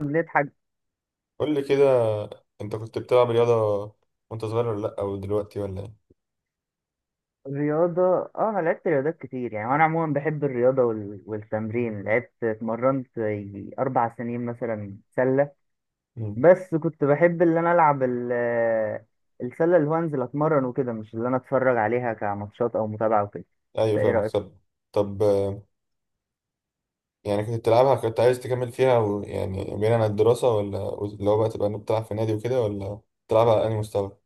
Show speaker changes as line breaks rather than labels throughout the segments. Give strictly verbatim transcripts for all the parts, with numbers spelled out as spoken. هنضحك.
قول لي كده. انت كنت بتلعب رياضة وانت صغير ولا لا، او دلوقتي ولا ايه؟
رياضة. اه انا لعبت رياضات كتير يعني وانا عموما بحب الرياضة وال... والتمرين. لعبت اتمرنت يجي اربع سنين مثلا سلة.
مم.
بس كنت بحب اللي انا العب ال... السلة اللي هو انزل اتمرن وكده، مش اللي انا اتفرج عليها كماتشات او متابعة وكده. انت
ايوه
ايه
فاهمك.
رأيك؟
طب، طب آه، يعني كنت بتلعبها، كنت عايز تكمل فيها و... يعني بعيدا عن الدراسة، ولا اللي هو بقى تبقى بتلعب في نادي وكده، ولا بتلعبها على انهي مستوى؟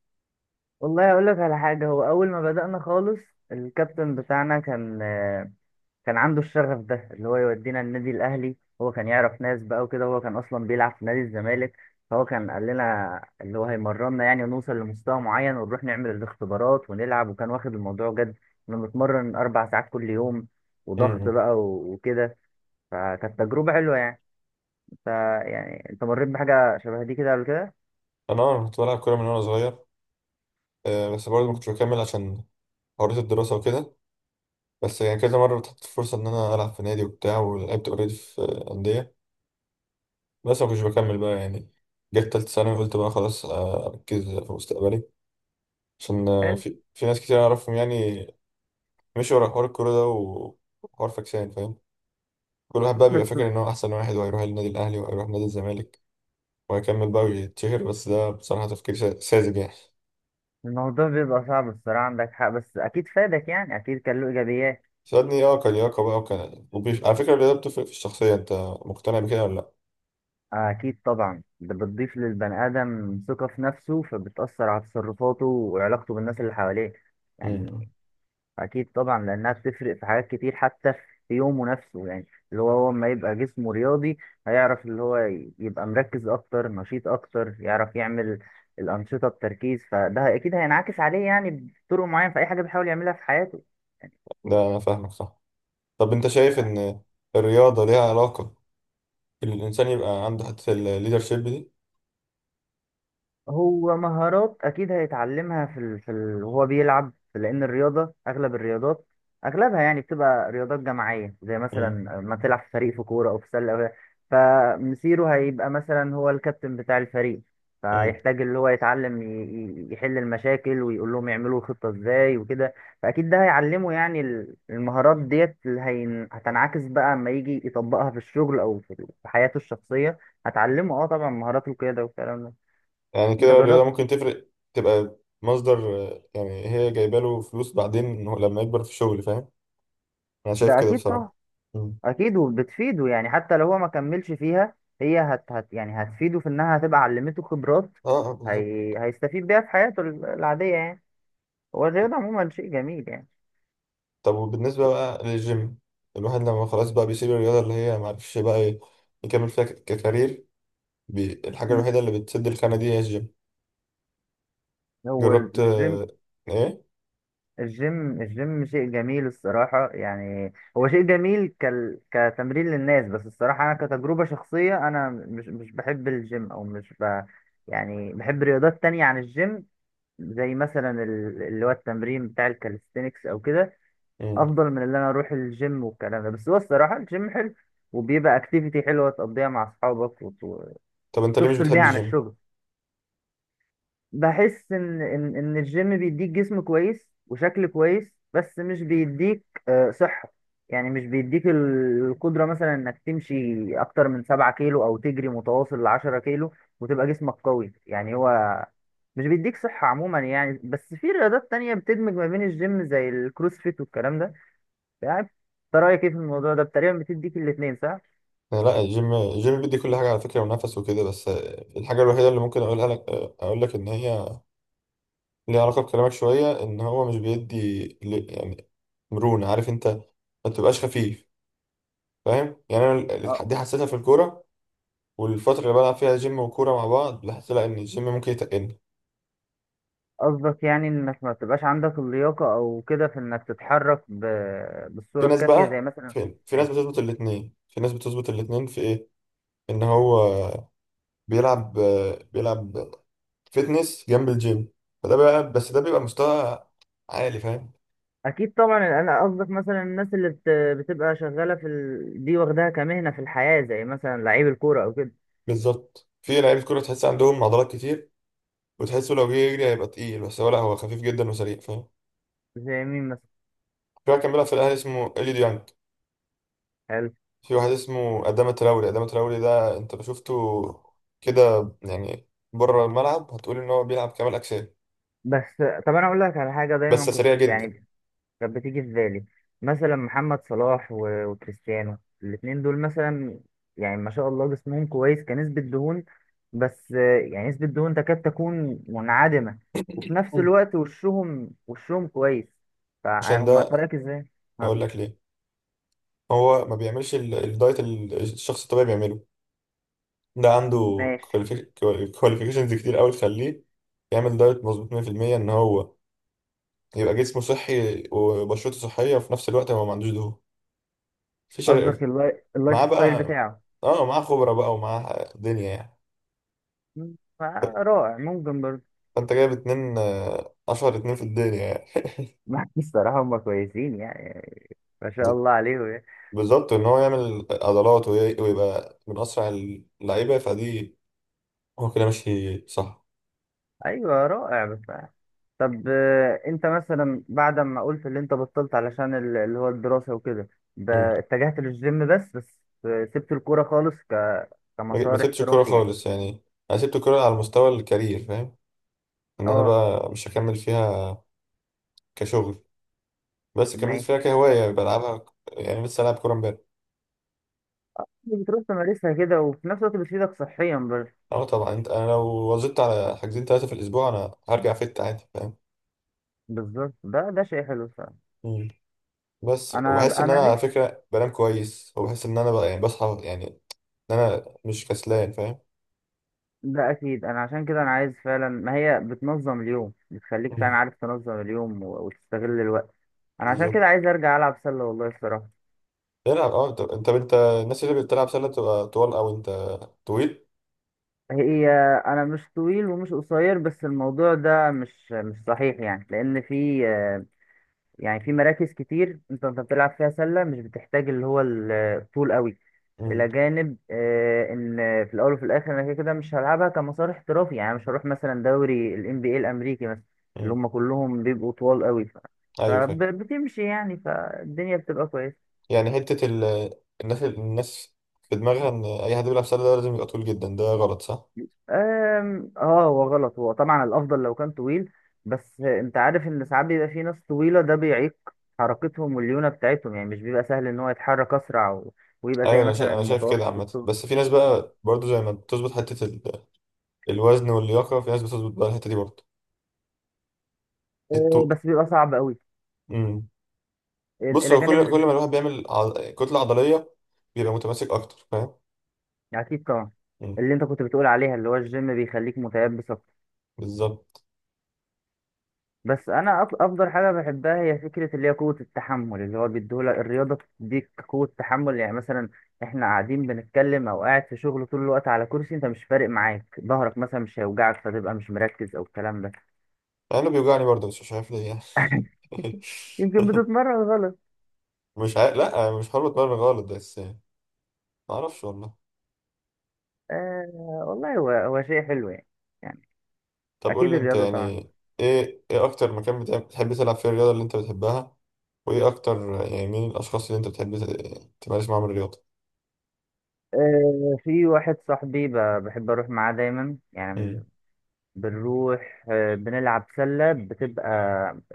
والله اقول لك على حاجة. هو اول ما بدأنا خالص الكابتن بتاعنا كان كان عنده الشغف ده اللي هو يودينا النادي الاهلي. هو كان يعرف ناس بقى وكده، هو كان اصلا بيلعب في نادي الزمالك. فهو كان قال لنا اللي هو هيمرنا يعني ونوصل لمستوى معين ونروح نعمل الاختبارات ونلعب، وكان واخد الموضوع جد. كنا بنتمرن اربع ساعات كل يوم وضغط
مم.
بقى و- وكده. فكانت تجربة حلوة يعني. انت يعني انت مريت بحاجة شبه دي كده قبل كده؟
انا اه كنت بلعب كورة من وانا صغير، آه، بس برضه ما
مم.
كنتش بكمل عشان حوارات الدراسة وكده. بس يعني كذا مرة اتحطت فرصة إن أنا ألعب في نادي وبتاع، ولعبت أوريدي في أندية، بس ما كنتش بكمل بقى يعني. جت تالتة ثانوي قلت بقى خلاص آه، أركز في مستقبلي، عشان آه،
حلو.
في, في ناس كتير أعرفهم يعني مشوا ورا حوار الكورة ده و- وحوار فاكسان فاهم. كل واحد بقى بيبقى فاكر إن هو أحسن واحد وهيروح النادي الأهلي وهيروح نادي الزمالك وهيكمل بقى ويتشهر، بس ده بصراحة تفكير سا- ساذج يعني.
الموضوع بيبقى صعب الصراحة، عندك حق، بس أكيد فادك يعني، أكيد كان له إيجابيات.
سألني اه كلياقة بقى، وكان وبيف... على فكرة الرياضة بتفرق في الشخصية، أنت مقتنع بكده ولا لأ؟
أكيد طبعا، ده بتضيف للبني آدم ثقة في نفسه فبتأثر على تصرفاته وعلاقته بالناس اللي حواليه
مم.
يعني. أكيد طبعا لأنها بتفرق في حاجات كتير، حتى في يومه نفسه يعني. اللي هو هو لما يبقى جسمه رياضي هيعرف اللي هو ي- يبقى مركز أكتر، نشيط أكتر، يعرف يعمل الأنشطة بتركيز، فده أكيد هينعكس عليه يعني بطرق معينة في أي حاجة بيحاول يعملها في حياته.
ده أنا فاهمك صح. طب أنت شايف إن الرياضة ليها علاقة إن الإنسان يبقى عنده حتة الليدرشيب دي؟
هو مهارات اكيد هيتعلمها في ال... في ال... وهو بيلعب، لان الرياضه اغلب الرياضات اغلبها يعني بتبقى رياضات جماعيه، زي
مم.
مثلا ما تلعب في فريق في كوره او في سله أو... فمسيره هيبقى مثلا هو الكابتن بتاع الفريق،
مم.
فيحتاج اللي هو يتعلم ي... ي- يحل المشاكل ويقول لهم يعملوا الخطه ازاي وكده. فاكيد ده هيعلمه يعني ال- المهارات ديت اللي هين... هتنعكس بقى اما يجي يطبقها في الشغل او في في حياته الشخصيه. هتعلمه اه طبعا مهارات القياده والكلام ده.
يعني
انت
كده الرياضة
جربت؟
ممكن تفرق، تبقى مصدر آه، يعني هي جايبة له فلوس بعدين إنه لما يكبر في الشغل، فاهم؟ أنا شايف
ده
كده
اكيد طبعا.
بصراحة. مم.
اكيد وبتفيده يعني، حتى لو هو ما كملش فيها هي هت, هت يعني هتفيده في انها هتبقى علمته خبرات.
اه آه، بالظبط.
هي... هيستفيد بيها في حياته ال- العادية يعني. هو الرياضة عموما شيء جميل يعني.
طب وبالنسبة بقى للجيم، الواحد لما خلاص بقى بيسيب الرياضة اللي هي معرفش بقى ي- يكمل فيها ك- ككارير، بي... الحاجة
مم.
الوحيدة اللي بتسد الخانة دي هي الجيم.
هو
جربت
الجيم.
آه، ايه؟
الجيم الجيم شيء جميل الصراحة يعني، هو شيء جميل كال... كتمرين للناس، بس الصراحة أنا كتجربة شخصية أنا مش مش بحب الجيم، أو مش ب... يعني بحب رياضات تانية عن الجيم، زي مثلا ال- اللي هو التمرين بتاع الكاليستينكس أو كده،
مم.
افضل من اللي انا اروح الجيم والكلام ده. بس هو الصراحه الجيم حلو وبيبقى اكتيفيتي حلوه تقضيها مع اصحابك وت-
طب انت ليه مش
وتفصل بيها
بتحب
عن
الجيم؟
الشغل. بحس ان ان ان الجيم بيديك جسم كويس وشكل كويس بس مش بيديك آه، صحه. يعني مش بيديك ال- القدره مثلا انك تمشي اكتر من سبعة كيلو او تجري متواصل لعشرة كيلو، وتبقى جسمك قوي يعني. هو مش بيديك صحه عموما يعني، بس في رياضات تانية بتدمج ما بين الجيم زي الكروسفيت والكلام ده. يعني انت رايك ايه في الموضوع ده، تقريبا بتديك الاثنين صح.
آه، لا، الجيم الجيم بيدي كل حاجة على فكرة ونفس وكده، بس آه، الحاجة الوحيدة اللي ممكن اقولها لك، آه، اقول لك ان هي ليه علاقة بكلامك شوية، إن هو مش بيدي ل- يعني مرونة، عارف أنت، ما تبقاش خفيف، فاهم يعني؟ أنا ال-
أ-
ال- دي حسيتها في الكورة، والفترة اللي بلعب فيها جيم وكورة مع بعض لاحظت لا إن الجيم ممكن يتقلني.
قصدك يعني انك ما بتبقاش عندك اللياقه او كده في انك تتحرك ب...
في
بالصوره
ناس
الكافيه زي
بقى،
مثلا.
في, في ناس
ماشي.
بتظبط الاتنين، في ناس بتظبط الاتنين في إيه، إن هو بيلعب بيلعب فيتنس جنب الجيم، فده بقى، بس ده بيبقى مستوى عالي، فاهم؟
اكيد طبعا. انا قصدك مثلا الناس اللي بت... بتبقى شغاله في ال... دي واخداها كمهنه في الحياه زي مثلا لعيب الكوره او كده.
بالظبط، في لعيبة كورة تحس عندهم عضلات كتير، وتحسه لو جه يجري هيبقى تقيل، بس هو لا، هو خفيف جدا وسريع، فاهم؟
زي مين مثلا؟
في واحد كان بيلعب في الاهلي اسمه اليو ديانج.
حلو.
في واحد اسمه ادام تراوري، ادام تراوري ده انت لو شفته كده يعني بره الملعب هتقول ان هو بيلعب كمال اجسام،
بس. طب انا اقول لك على حاجه دايما
بس سريع
كنت
جدا.
يعني كانت بتيجي في بالي، مثلا محمد صلاح و- وكريستيانو. الاتنين دول مثلا يعني ما شاء الله جسمهم كويس كنسبة دهون، بس آه، يعني نسبة دهون تكاد تكون منعدمة، وفي نفس
مم.
الوقت وشهم وشهم كويس.
عشان
فهم
ده
فرقك ازاي؟ ها.
هقول لك ليه. هو ما بيعملش ال- الدايت اللي الشخص الطبيعي بيعمله، ده عنده
ماشي.
كواليفيكيشنز كتير قوي تخليه يعمل دايت مظبوط مائة في المئة، ان هو يبقى جسمه صحي وبشرته صحيه، وفي نفس الوقت هو ما عندوش دهون في شر...
قصدك اللاي-
معاه
اللايف ستايل
بقى،
بتاعه.
اه معاه خبره بقى ومعاه دنيا يعني.
مم، فرائع ممكن برضه.
انت جايب اتنين آه، اشهر اتنين في الدنيا
الصراحة هم كويسين يعني، ما شاء
يعني.
الله عليهم يعني.
بالظبط، ان هو يعمل عضلات وي- ويبقى من اسرع اللعيبه فدي، هو كده ماشي صح.
ايوه رائع بصراحه. طب آه، انت مثلا بعد ما قلت اللي انت بطلت علشان ال- اللي هو الدراسه وكده، ب-
مم.
اتجهت للجيم، بس بس آه، سبت الكوره خالص ك...
ما ما
كمسار
سبتش الكوره
احترافي يعني.
خالص يعني. انا سبت الكوره على مستوى الكارير، فاهم؟ ان انا
اه.
بقى مش هكمل فيها كشغل، بس كملت فيها
ماشي.
كهوايه، يعني بلعبها ك- يعني لسه العب كوره امبارح.
بتروح تمارسها كده وفي نفس الوقت بتفيدك صحيا بر-
اه طبعا، انت انا لو وظبطت على حاجزين ثلاثه في الاسبوع انا هرجع فت عادي، فاهم؟
بالظبط، ده ده شيء حلو فعلا.
مم. بس،
انا
وبحس ان
انا
انا على
نفسي.
فكره بنام كويس، وبحس ان انا بقى يعني بصحى يعني، ان انا مش كسلان، فاهم؟
ده اكيد، انا عشان كده انا عايز فعلا، ما هي بتنظم اليوم بتخليك فعلا
مم.
عارف تنظم اليوم و- وتستغل الوقت. انا عشان كده
بالظبط.
عايز ارجع العب سله والله الصراحه.
العب. اه طب انت انت الناس اللي بتلعب سله بتبقى طوال، او انت طويل؟
هي. انا مش طويل ومش قصير، بس الموضوع ده مش مش صحيح يعني، لان في آه، يعني في مراكز كتير انت انت بتلعب فيها سله مش بتحتاج اللي هو الطول قوي. الى
امم.
جانب آه، ان في الاول وفي الاخر انا كده كده مش هلعبها كمسار احترافي يعني، مش هروح مثلا دوري ال إن بي إيه الامريكي مثلا اللي
امم.
هم كلهم بيبقوا طوال قوي ف-
ايوه فاهم.
فبتمشي يعني، فالدنيا بتبقى كويسه.
يعني حته ال... الناس الناس في دماغها ان اي حد بيلعب سله ده لازم يبقى طويل جدا، ده غلط صح؟
أم، اه هو غلط، هو طبعا الافضل لو كان طويل، بس انت عارف ان ساعات بيبقى في ناس طويله ده بيعيق حركتهم والليونه بتاعتهم يعني، مش بيبقى سهل ان هو يتحرك اسرع و... ويبقى
ايوه
زي
انا شايف
مثلا
انا شايف كده
المتوسط
عامه،
والطول.
بس في ناس بقى برضو زي ما بتظبط حته ال... الوزن واللياقه، في ناس بتظبط بقى الحته دي برضو،
أه،
الطول.
بس بيبقى صعب قوي. ال-
بص،
الى
هو
جانب
كل، كل
اللي-
ما الواحد بيعمل عض... كتلة عضلية، بيبقى متماسك أكتر فاهم.
اكيد طبعا.
مم،
اللي انت كنت بتقول عليها اللي هو الجيم بيخليك متيبس.
بالظبط.
بس انا أف- افضل حاجه بحبها هي فكره اللي هي قوه التحمل، اللي هو بيديهولك الرياضه بتديك قوه تحمل. يعني مثلا احنا قاعدين بنتكلم او قاعد في شغل طول الوقت على كرسي، انت مش فارق معاك ظهرك مثلا مش هيوجعك، فتبقى مش مركز او الكلام ده.
أنا بيوجعني برضه بس مش عارف ليه يعني.
يمكن بتتمرن غلط.
مش عارف، لأ مش حابب أتمرن غلط، بس معرفش والله.
آه. والله هو هو شيء حلو يعني. يعني
طب قول
اكيد
لي أنت،
الرياضه طبعا.
يعني إيه، إيه أكتر مكان بتع- بتحب تلعب فيه الرياضة اللي أنت بتحبها، وإيه أكتر يعني، مين الأشخاص اللي أنت بتحب ت- تمارس معاهم الرياضة؟
آه في واحد صاحبي ب- بحب اروح معاه دايما يعني.
مم.
بنروح آه، بنلعب سلة، بتبقى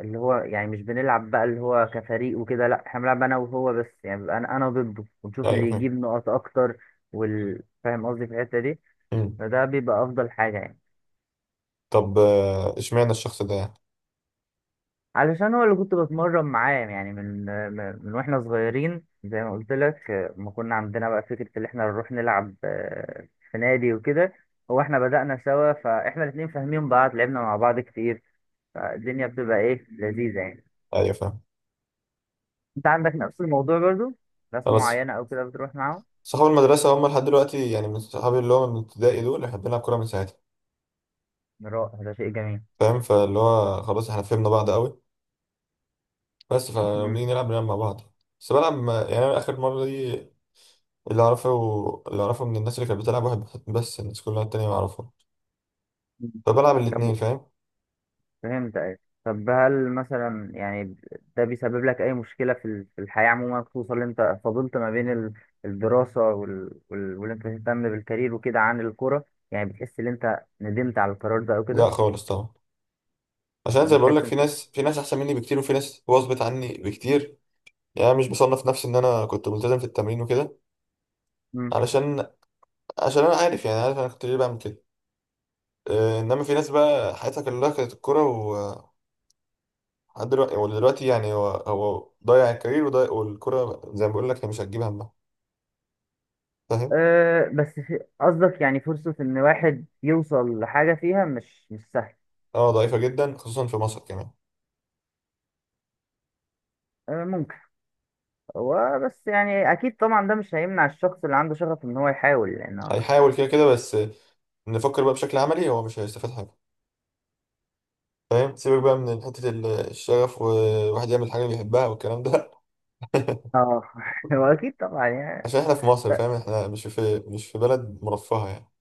اللي هو يعني مش بنلعب بقى اللي هو كفريق وكده، لا احنا بنلعب انا وهو بس يعني، بيبقى انا انا ضده ونشوف
أيوه
اللي
فاهم.
يجيب نقط اكتر. وال... فاهم قصدي في الحتة دي.
مم.
فده بيبقى افضل حاجة يعني.
طب آه، إشمعنى الشخص ده يعني؟
علشان هو اللي كنت بتمرن معاه يعني من آه، من واحنا صغيرين، زي ما قلت لك آه، ما كنا عندنا بقى فكرة اللي احنا نروح نلعب آه، في نادي وكده. هو احنا بدأنا سوا، فاحنا الاتنين فاهمين بعض، لعبنا مع بعض كتير، فالدنيا بتبقى ايه لذيذة يعني.
أيوه فاهم.
انت عندك نفس الموضوع برضو، ناس
خلاص،
معينة او كده بتروح معاهم؟
صحاب المدرسة هم لحد دلوقتي يعني، من صحابي اللي هو من ابتدائي، دول احنا بنلعب كورة من ساعتها،
رائع ده شيء جميل.
فاهم؟ فاللي هو خلاص احنا فهمنا بعض قوي، بس فلما
مم.
بنيجي نلعب بنلعب مع بعض. بس بلعب مع- يعني أنا آخر مرة دي، اللي أعرفه اللي أعرفه من الناس اللي كانت بتلعب واحد بس، الناس كلها التانية ما أعرفها،
مم.
فبلعب
طب
الاتنين
و-
فاهم.
فهمت ايه. طب هل مثلا يعني ده بيسبب لك اي مشكلة في ال- في الحياة عموما، خصوصا ان انت فضلت ما بين ال- الدراسة وال... وال... واللي انت تهتم بالكارير وكده عن الكرة، يعني بتحس ان انت ندمت على القرار ده او
لا
كده؟
خالص طبعا، عشان زي ما بقول لك،
بتحس
في
انت.
ناس، في ناس أحسن مني بكتير، وفي ناس واظبط عني بكتير. يعني أنا مش بصنف نفسي إن أنا كنت ملتزم في التمرين وكده،
مم.
علشان، عشان أنا عارف يعني، عارف أنا كنت ليه بعمل كده. آه، إنما في ناس بقى حياتها كلها كانت الكورة لحد دلوقتي، هو دلوقتي يعني هو هو ضيع الكارير وضيع، والكرة زي ما بقول لك هي مش هتجيب همها، فاهم؟
أه بس في- قصدك يعني فرصة ان واحد يوصل لحاجة فيها مش مش سهل.
اه ضعيفة جدا، خصوصا في مصر كمان.
أه ممكن. هو بس يعني اكيد طبعا ده مش هيمنع الشخص اللي عنده شغف ان هو يحاول لان هو.
هيحاول كده كده، بس نفكر بقى بشكل عملي هو مش هيستفاد حاجة، فاهم؟ سيبك بقى من حتة ال- الشغف وواحد يعمل حاجة بيحبها والكلام ده.
اه. هو اكيد طبعا يعني.
عشان احنا في مصر
ل-
فاهم؟ احنا مش في، مش في بلد مرفهة يعني.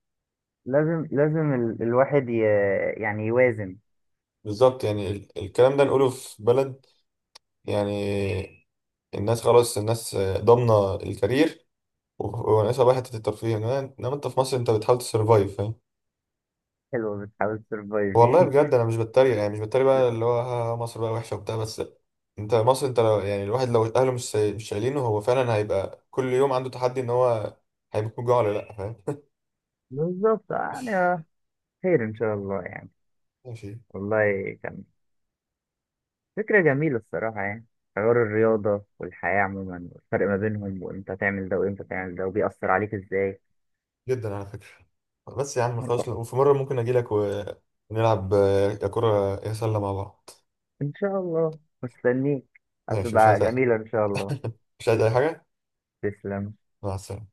لازم لازم ال... الواحد ي... يعني يوازن.
بالظبط، يعني ال- الكلام ده نقوله في بلد يعني الناس خلاص الناس ضامنة الكارير وناقصها بقى حتة الترفيه، انما انت في مصر انت بتحاول تسرفايف.
حلو بتحاول تسرفايف
والله
دي.
بجد انا مش بتريق يعني، مش بتريق بقى اللي هو ها ها مصر بقى وحشه وبتاع، بس انت مصر انت لو يعني، الواحد لو اهله مش ساي- مش شايلينه، هو فعلا هيبقى كل يوم عنده تحدي ان هو هيموت من الجوع ولا لا، فاهم؟
بالظبط. آه، يعني آه، خير ان شاء الله يعني.
ماشي.
والله كان فكرة جميلة الصراحة يعني، حوار الرياضة والحياة عموما والفرق ما بينهم وامتى تعمل ده وامتى تعمل ده وبيأثر عليك ازاي.
جدا على فكره. بس يا عم خلاص، لو- وفي مره ممكن اجي لك ونلعب آه، يا كره يا سله مع بعض.
ان شاء الله مستنيك،
ماشي. مش عايز
هتبقى جميلة ان شاء الله.
مش عايز اي حاجه.
تسلم.
مع السلامه.